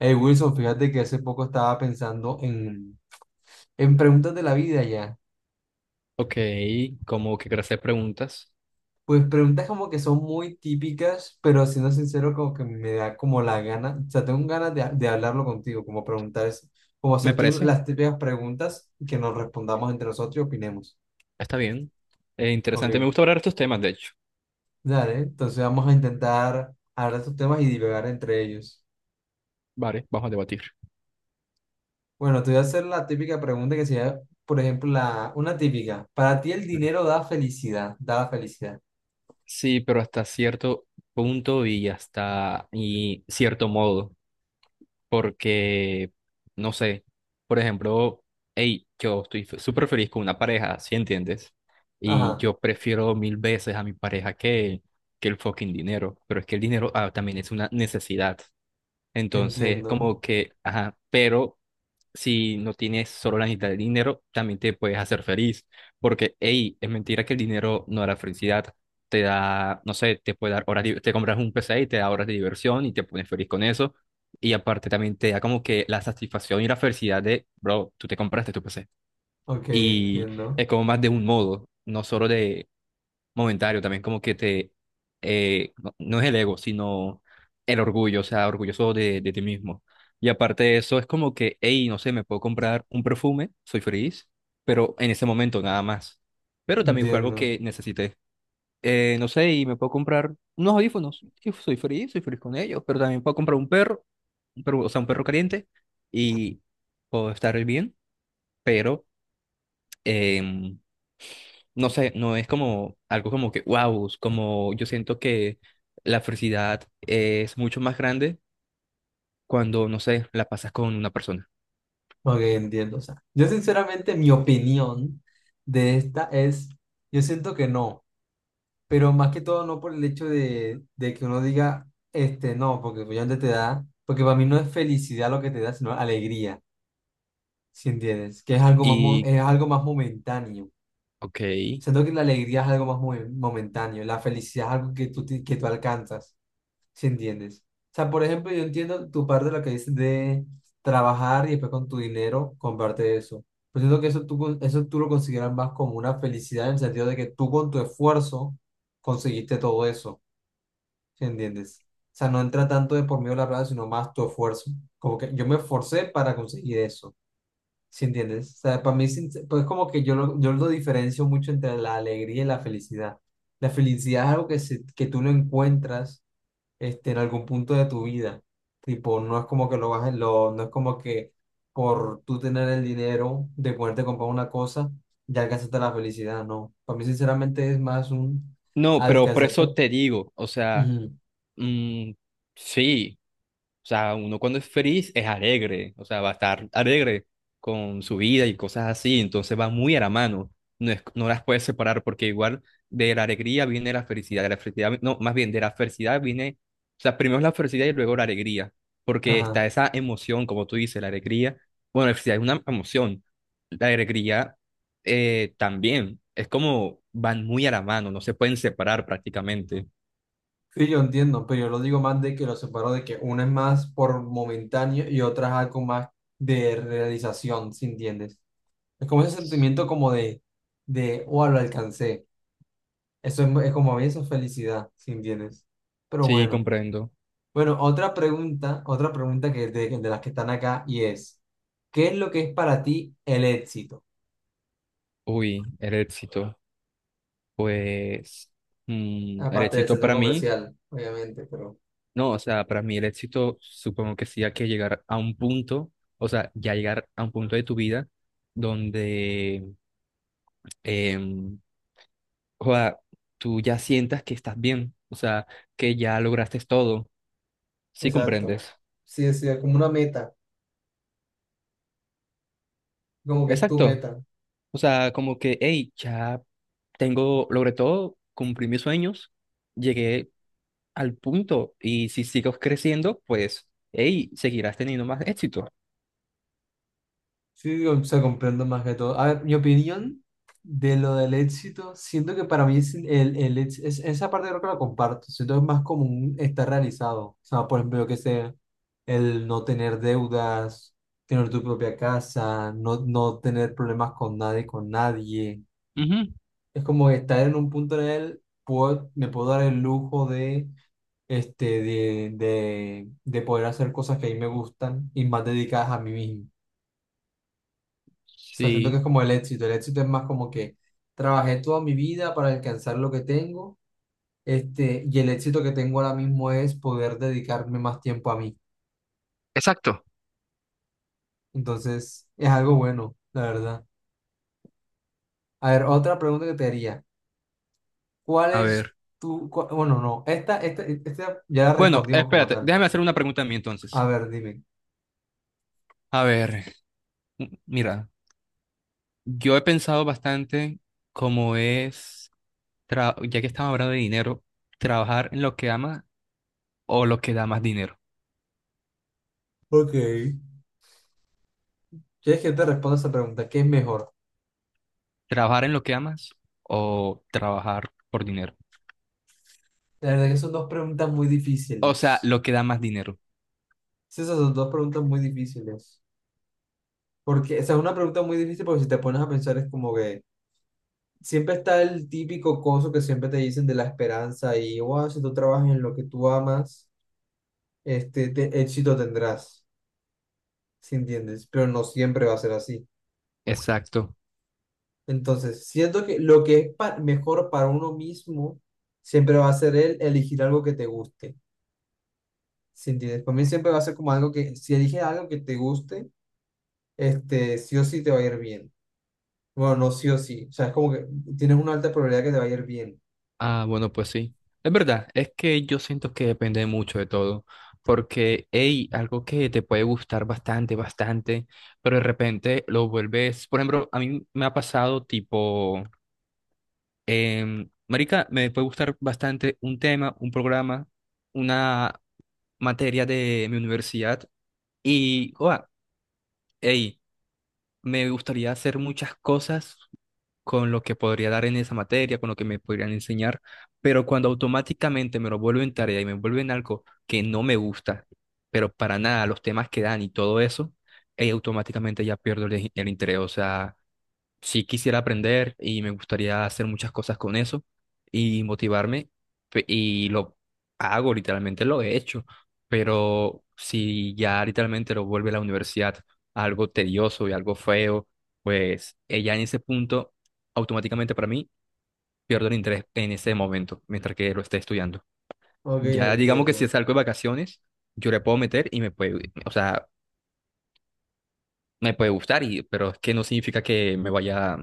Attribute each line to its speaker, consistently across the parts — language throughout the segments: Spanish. Speaker 1: Hey Wilson, fíjate que hace poco estaba pensando en preguntas de la vida ya.
Speaker 2: Ok, como que gracias preguntas.
Speaker 1: Pues preguntas como que son muy típicas, pero siendo sincero, como que me da como la gana, o sea, tengo ganas de hablarlo contigo, como preguntar, como
Speaker 2: Me
Speaker 1: hacerte
Speaker 2: parece,
Speaker 1: las típicas preguntas y que nos respondamos entre nosotros y opinemos.
Speaker 2: está bien. Interesante, me
Speaker 1: Ok,
Speaker 2: gusta hablar de estos temas, de hecho.
Speaker 1: dale, entonces vamos a intentar hablar de estos temas y divagar entre ellos.
Speaker 2: Vale, vamos a debatir.
Speaker 1: Bueno, te voy a hacer la típica pregunta que sería, por ejemplo, una típica. ¿Para ti el
Speaker 2: Claro.
Speaker 1: dinero da felicidad? Da la felicidad.
Speaker 2: Sí, pero hasta cierto punto y hasta y cierto modo, porque, no sé, por ejemplo, hey, yo estoy súper feliz con una pareja, ¿sí entiendes? Y
Speaker 1: Ajá.
Speaker 2: yo prefiero mil veces a mi pareja que el fucking dinero, pero es que el dinero también es una necesidad. Entonces,
Speaker 1: Entiendo,
Speaker 2: como que, ajá, pero si no tienes solo la necesidad de dinero, también te puedes hacer feliz. Porque, hey, es mentira que el dinero no da la felicidad. Te da, no sé, te puede dar horas, te compras un PC y te da horas de diversión y te pones feliz con eso. Y aparte también te da como que la satisfacción y la felicidad de, bro, tú te compraste tu PC.
Speaker 1: ok,
Speaker 2: Y
Speaker 1: entiendo,
Speaker 2: es como más de un modo, no solo de momentario también, como que te, no, no es el ego, sino el orgullo, o sea, orgulloso de ti mismo. Y aparte de eso, es como que, hey, no sé, me puedo comprar un perfume, soy feliz, pero en ese momento nada más. Pero también fue algo
Speaker 1: entiendo,
Speaker 2: que necesité. No sé, y me puedo comprar unos audífonos, y soy feliz con ellos, pero también puedo comprar un perro, o sea, un perro caliente, y puedo estar bien, pero em, no sé, no es como algo como que, wow, como yo siento que la felicidad es mucho más grande cuando, no sé, la pasas con una persona.
Speaker 1: ok, entiendo. O sea, yo sinceramente mi opinión de esta es, yo siento que no, pero más que todo no por el hecho de que uno diga, este, no, porque obviamente te da, porque para mí no es felicidad lo que te da, sino alegría, ¿si entiendes? Que es algo más,
Speaker 2: Y,
Speaker 1: es algo más momentáneo.
Speaker 2: ok,
Speaker 1: Siento que la alegría es algo más momentáneo, la felicidad es algo que tú alcanzas. ¿Si entiendes? O sea, por ejemplo, yo entiendo tu parte de lo que dices de trabajar y después con tu dinero comparte eso. Pero siento que eso tú lo consideras más como una felicidad en el sentido de que tú con tu esfuerzo conseguiste todo eso, ¿si entiendes? O sea, no entra tanto de por medio de la plata, sino más tu esfuerzo. Como que yo me esforcé para conseguir eso, ¿si entiendes? O sea, para mí pues como que yo lo diferencio mucho entre la alegría y la felicidad. La felicidad es algo que tú lo encuentras, este, en algún punto de tu vida. Tipo, no es como que lo vas a- lo, no es como que por tú tener el dinero de poderte comprar una cosa, ya alcanzaste la felicidad, no. Para mí, sinceramente, es más un
Speaker 2: no, pero por eso
Speaker 1: alcanzarte.
Speaker 2: te digo, o sea,
Speaker 1: Ujú.
Speaker 2: mm, sí, o sea, uno cuando es feliz es alegre, o sea, va a estar alegre con su vida y cosas así, entonces va muy a la mano. No, no las puedes separar porque igual de la alegría viene la felicidad, de la felicidad, no, más bien de la felicidad viene, o sea, primero es la felicidad y luego la alegría, porque
Speaker 1: Ajá.
Speaker 2: está esa emoción, como tú dices, la alegría, bueno, la felicidad es una emoción, la alegría también, es como van muy a la mano, no se pueden separar prácticamente.
Speaker 1: Sí, yo entiendo, pero yo lo digo más de que lo separo de que una es más por momentáneo y otra es algo más de realización, ¿si entiendes? Es como ese sentimiento como oh, lo alcancé. Es como a mí, eso es felicidad, ¿si entiendes? Pero
Speaker 2: Sí,
Speaker 1: bueno.
Speaker 2: comprendo.
Speaker 1: Bueno, otra pregunta que de las que están acá y es, ¿qué es lo que es para ti el éxito?
Speaker 2: Uy, el éxito. Pues el
Speaker 1: Aparte del
Speaker 2: éxito
Speaker 1: centro
Speaker 2: para mí,
Speaker 1: comercial, obviamente, pero...
Speaker 2: no, o sea, para mí el éxito supongo que sí hay que llegar a un punto, o sea, ya llegar a un punto de tu vida donde em, joda, tú ya sientas que estás bien, o sea, que ya lograste todo, ¿sí
Speaker 1: Exacto.
Speaker 2: comprendes?
Speaker 1: Sí, sí, es como una meta, como que es tu
Speaker 2: Exacto,
Speaker 1: meta.
Speaker 2: o sea, como que, hey, ya tengo, logré todo, cumplí mis sueños, llegué al punto y si sigo creciendo, pues, hey, seguirás teniendo más éxito.
Speaker 1: Sí, o sea, comprendo más que todo. A ver, mi opinión de lo del éxito, siento que para mí es el, ex- es, esa parte creo que la comparto, siento que es más común estar realizado. O sea, por ejemplo, yo que sé, el no tener deudas, tener tu propia casa, no, no tener problemas con nadie, con nadie.
Speaker 2: Ujú.
Speaker 1: Es como estar en un punto en el, me puedo dar el lujo de, este, de poder hacer cosas que a mí me gustan y más dedicadas a mí mismo. O sea, siento que
Speaker 2: Sí.
Speaker 1: es como el éxito. El éxito es más como que trabajé toda mi vida para alcanzar lo que tengo, este, y el éxito que tengo ahora mismo es poder dedicarme más tiempo a mí.
Speaker 2: Exacto.
Speaker 1: Entonces, es algo bueno, la verdad. A ver, otra pregunta que te haría. ¿Cuál
Speaker 2: A
Speaker 1: es
Speaker 2: ver.
Speaker 1: tu, cua- Bueno, no, esta ya la
Speaker 2: Bueno,
Speaker 1: respondimos como
Speaker 2: espérate,
Speaker 1: tal.
Speaker 2: déjame hacer una pregunta a mí entonces.
Speaker 1: A ver, dime.
Speaker 2: A ver, mira, yo he pensado bastante cómo es, ya que estamos hablando de dinero, trabajar en lo que amas o lo que da más dinero.
Speaker 1: Ok. ¿Quieres que yo te responda esa pregunta? ¿Qué es mejor?
Speaker 2: Trabajar en lo que amas o trabajar por dinero.
Speaker 1: La verdad que son dos preguntas muy
Speaker 2: O sea,
Speaker 1: difíciles.
Speaker 2: lo que da más dinero.
Speaker 1: Sí, esas son dos preguntas muy difíciles. Porque esa es una pregunta muy difícil porque si te pones a pensar es como que siempre está el típico coso que siempre te dicen de la esperanza y, wow, si tú trabajas en lo que tú amas, este éxito tendrás, ¿sí entiendes? Pero no siempre va a ser así.
Speaker 2: Exacto.
Speaker 1: Entonces, siento que lo que es mejor para uno mismo siempre va a ser el elegir algo que te guste, ¿sí entiendes? Para mí siempre va a ser como algo que, si eliges algo que te guste, este sí o sí te va a ir bien. Bueno, no sí o sí, o sea, es como que tienes una alta probabilidad que te va a ir bien.
Speaker 2: Ah, bueno, pues sí. Es verdad, es que yo siento que depende mucho de todo, porque, hey, algo que te puede gustar bastante, bastante, pero de repente lo vuelves, por ejemplo, a mí me ha pasado tipo, marica, me puede gustar bastante un tema, un programa, una materia de mi universidad y, hey, me gustaría hacer muchas cosas con lo que podría dar en esa materia, con lo que me podrían enseñar, pero cuando automáticamente me lo vuelven tarea y me vuelven algo que no me gusta, pero para nada, los temas que dan y todo eso, automáticamente ya pierdo el interés. O sea, sí quisiera aprender y me gustaría hacer muchas cosas con eso y motivarme y lo hago, literalmente lo he hecho, pero si ya literalmente lo vuelve la universidad algo tedioso y algo feo, pues ya en ese punto automáticamente para mí pierdo el interés en ese momento mientras que lo esté estudiando.
Speaker 1: Ok,
Speaker 2: Ya digamos que si
Speaker 1: entiendo.
Speaker 2: salgo de vacaciones, yo le puedo meter y me puede, o sea, me puede gustar, y, pero es que no significa que me vaya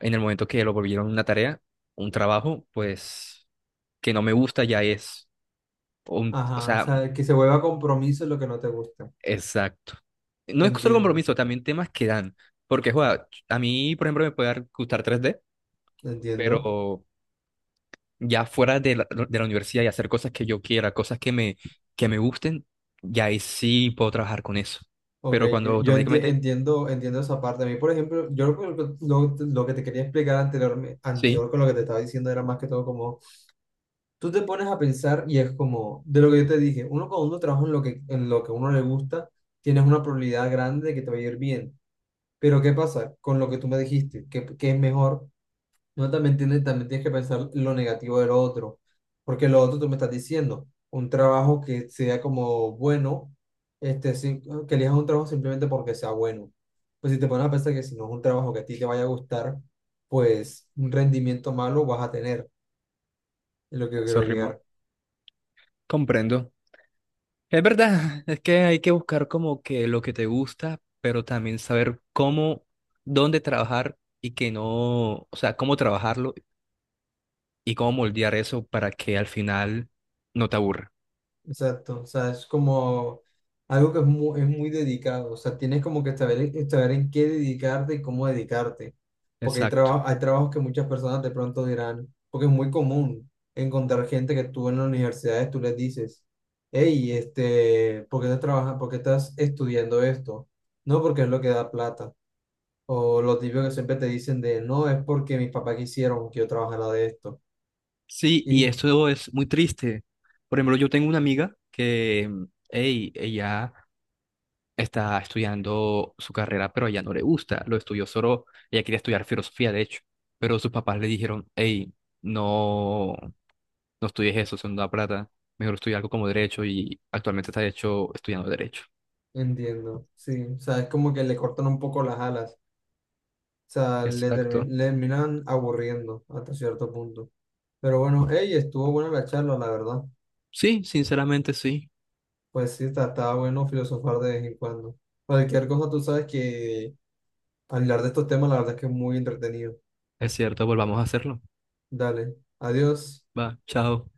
Speaker 2: en el momento que lo volvieron una tarea, un trabajo, pues que no me gusta ya es un, o
Speaker 1: Ajá, o
Speaker 2: sea,
Speaker 1: sea, que se vuelva compromiso lo que no te gusta.
Speaker 2: exacto. No es solo
Speaker 1: Entiendo,
Speaker 2: compromiso, también temas que dan, porque joda, a mí, por ejemplo, gustar tres d
Speaker 1: entiendo.
Speaker 2: pero ya fuera de la universidad y hacer cosas que yo quiera, cosas que me gusten, ya ahí sí puedo trabajar con eso.
Speaker 1: Ok,
Speaker 2: Pero cuando
Speaker 1: yo
Speaker 2: automáticamente,
Speaker 1: entiendo esa parte. A mí, por ejemplo, yo lo que te quería explicar anterior,
Speaker 2: sí,
Speaker 1: anterior con lo que te estaba diciendo era más que todo como, tú te pones a pensar y es como, de lo que yo te dije, uno cuando uno trabaja en lo que, a uno le gusta, tienes una probabilidad grande de que te va a ir bien. Pero, ¿qué pasa con lo que tú me dijiste? Que es mejor? No, también tienes que pensar lo negativo del otro, porque lo otro tú me estás diciendo, un trabajo que sea como bueno, este, sí, que elijas un trabajo simplemente porque sea bueno. Pues si te pones a pensar que si no es un trabajo que a ti te vaya a gustar, pues un rendimiento malo vas a tener, es lo que yo
Speaker 2: eso
Speaker 1: quiero
Speaker 2: rimó,
Speaker 1: llegar.
Speaker 2: comprendo. Es verdad, es que hay que buscar como que lo que te gusta, pero también saber cómo, dónde trabajar y que no, o sea, cómo trabajarlo y cómo moldear eso para que al final no te aburra.
Speaker 1: Exacto, o sea, es como algo que es muy dedicado, o sea, tienes como que saber en qué dedicarte y cómo dedicarte, porque hay,
Speaker 2: Exacto.
Speaker 1: traba- hay trabajos que muchas personas de pronto dirán, porque es muy común encontrar gente que tú en las universidades tú les dices, hey, este, ¿por qué estás trabajando, por qué estás estudiando esto? No, porque es lo que da plata, o lo típico que siempre te dicen de, no, es porque mis papás quisieron que yo trabajara de esto,
Speaker 2: Sí, y
Speaker 1: y
Speaker 2: esto es muy triste. Por ejemplo, yo tengo una amiga que, hey, ella está estudiando su carrera, pero a ella no le gusta. Lo estudió solo, ella quería estudiar filosofía, de hecho, pero sus papás le dijeron, hey, no. No estudies eso, son da plata, mejor estudia algo como derecho y actualmente está hecho estudiando derecho.
Speaker 1: entiendo, sí, o sea, es como que le cortan un poco las alas. Sea, le, termi-
Speaker 2: Exacto.
Speaker 1: le terminan aburriendo hasta cierto punto. Pero bueno, hey, estuvo buena la charla, la verdad.
Speaker 2: Sí, sinceramente sí,
Speaker 1: Pues sí, está bueno filosofar de vez en cuando. Cualquier cosa, tú sabes que hablar de estos temas, la verdad es que es muy entretenido.
Speaker 2: es cierto, volvamos a hacerlo.
Speaker 1: Dale, adiós.
Speaker 2: Va, chao.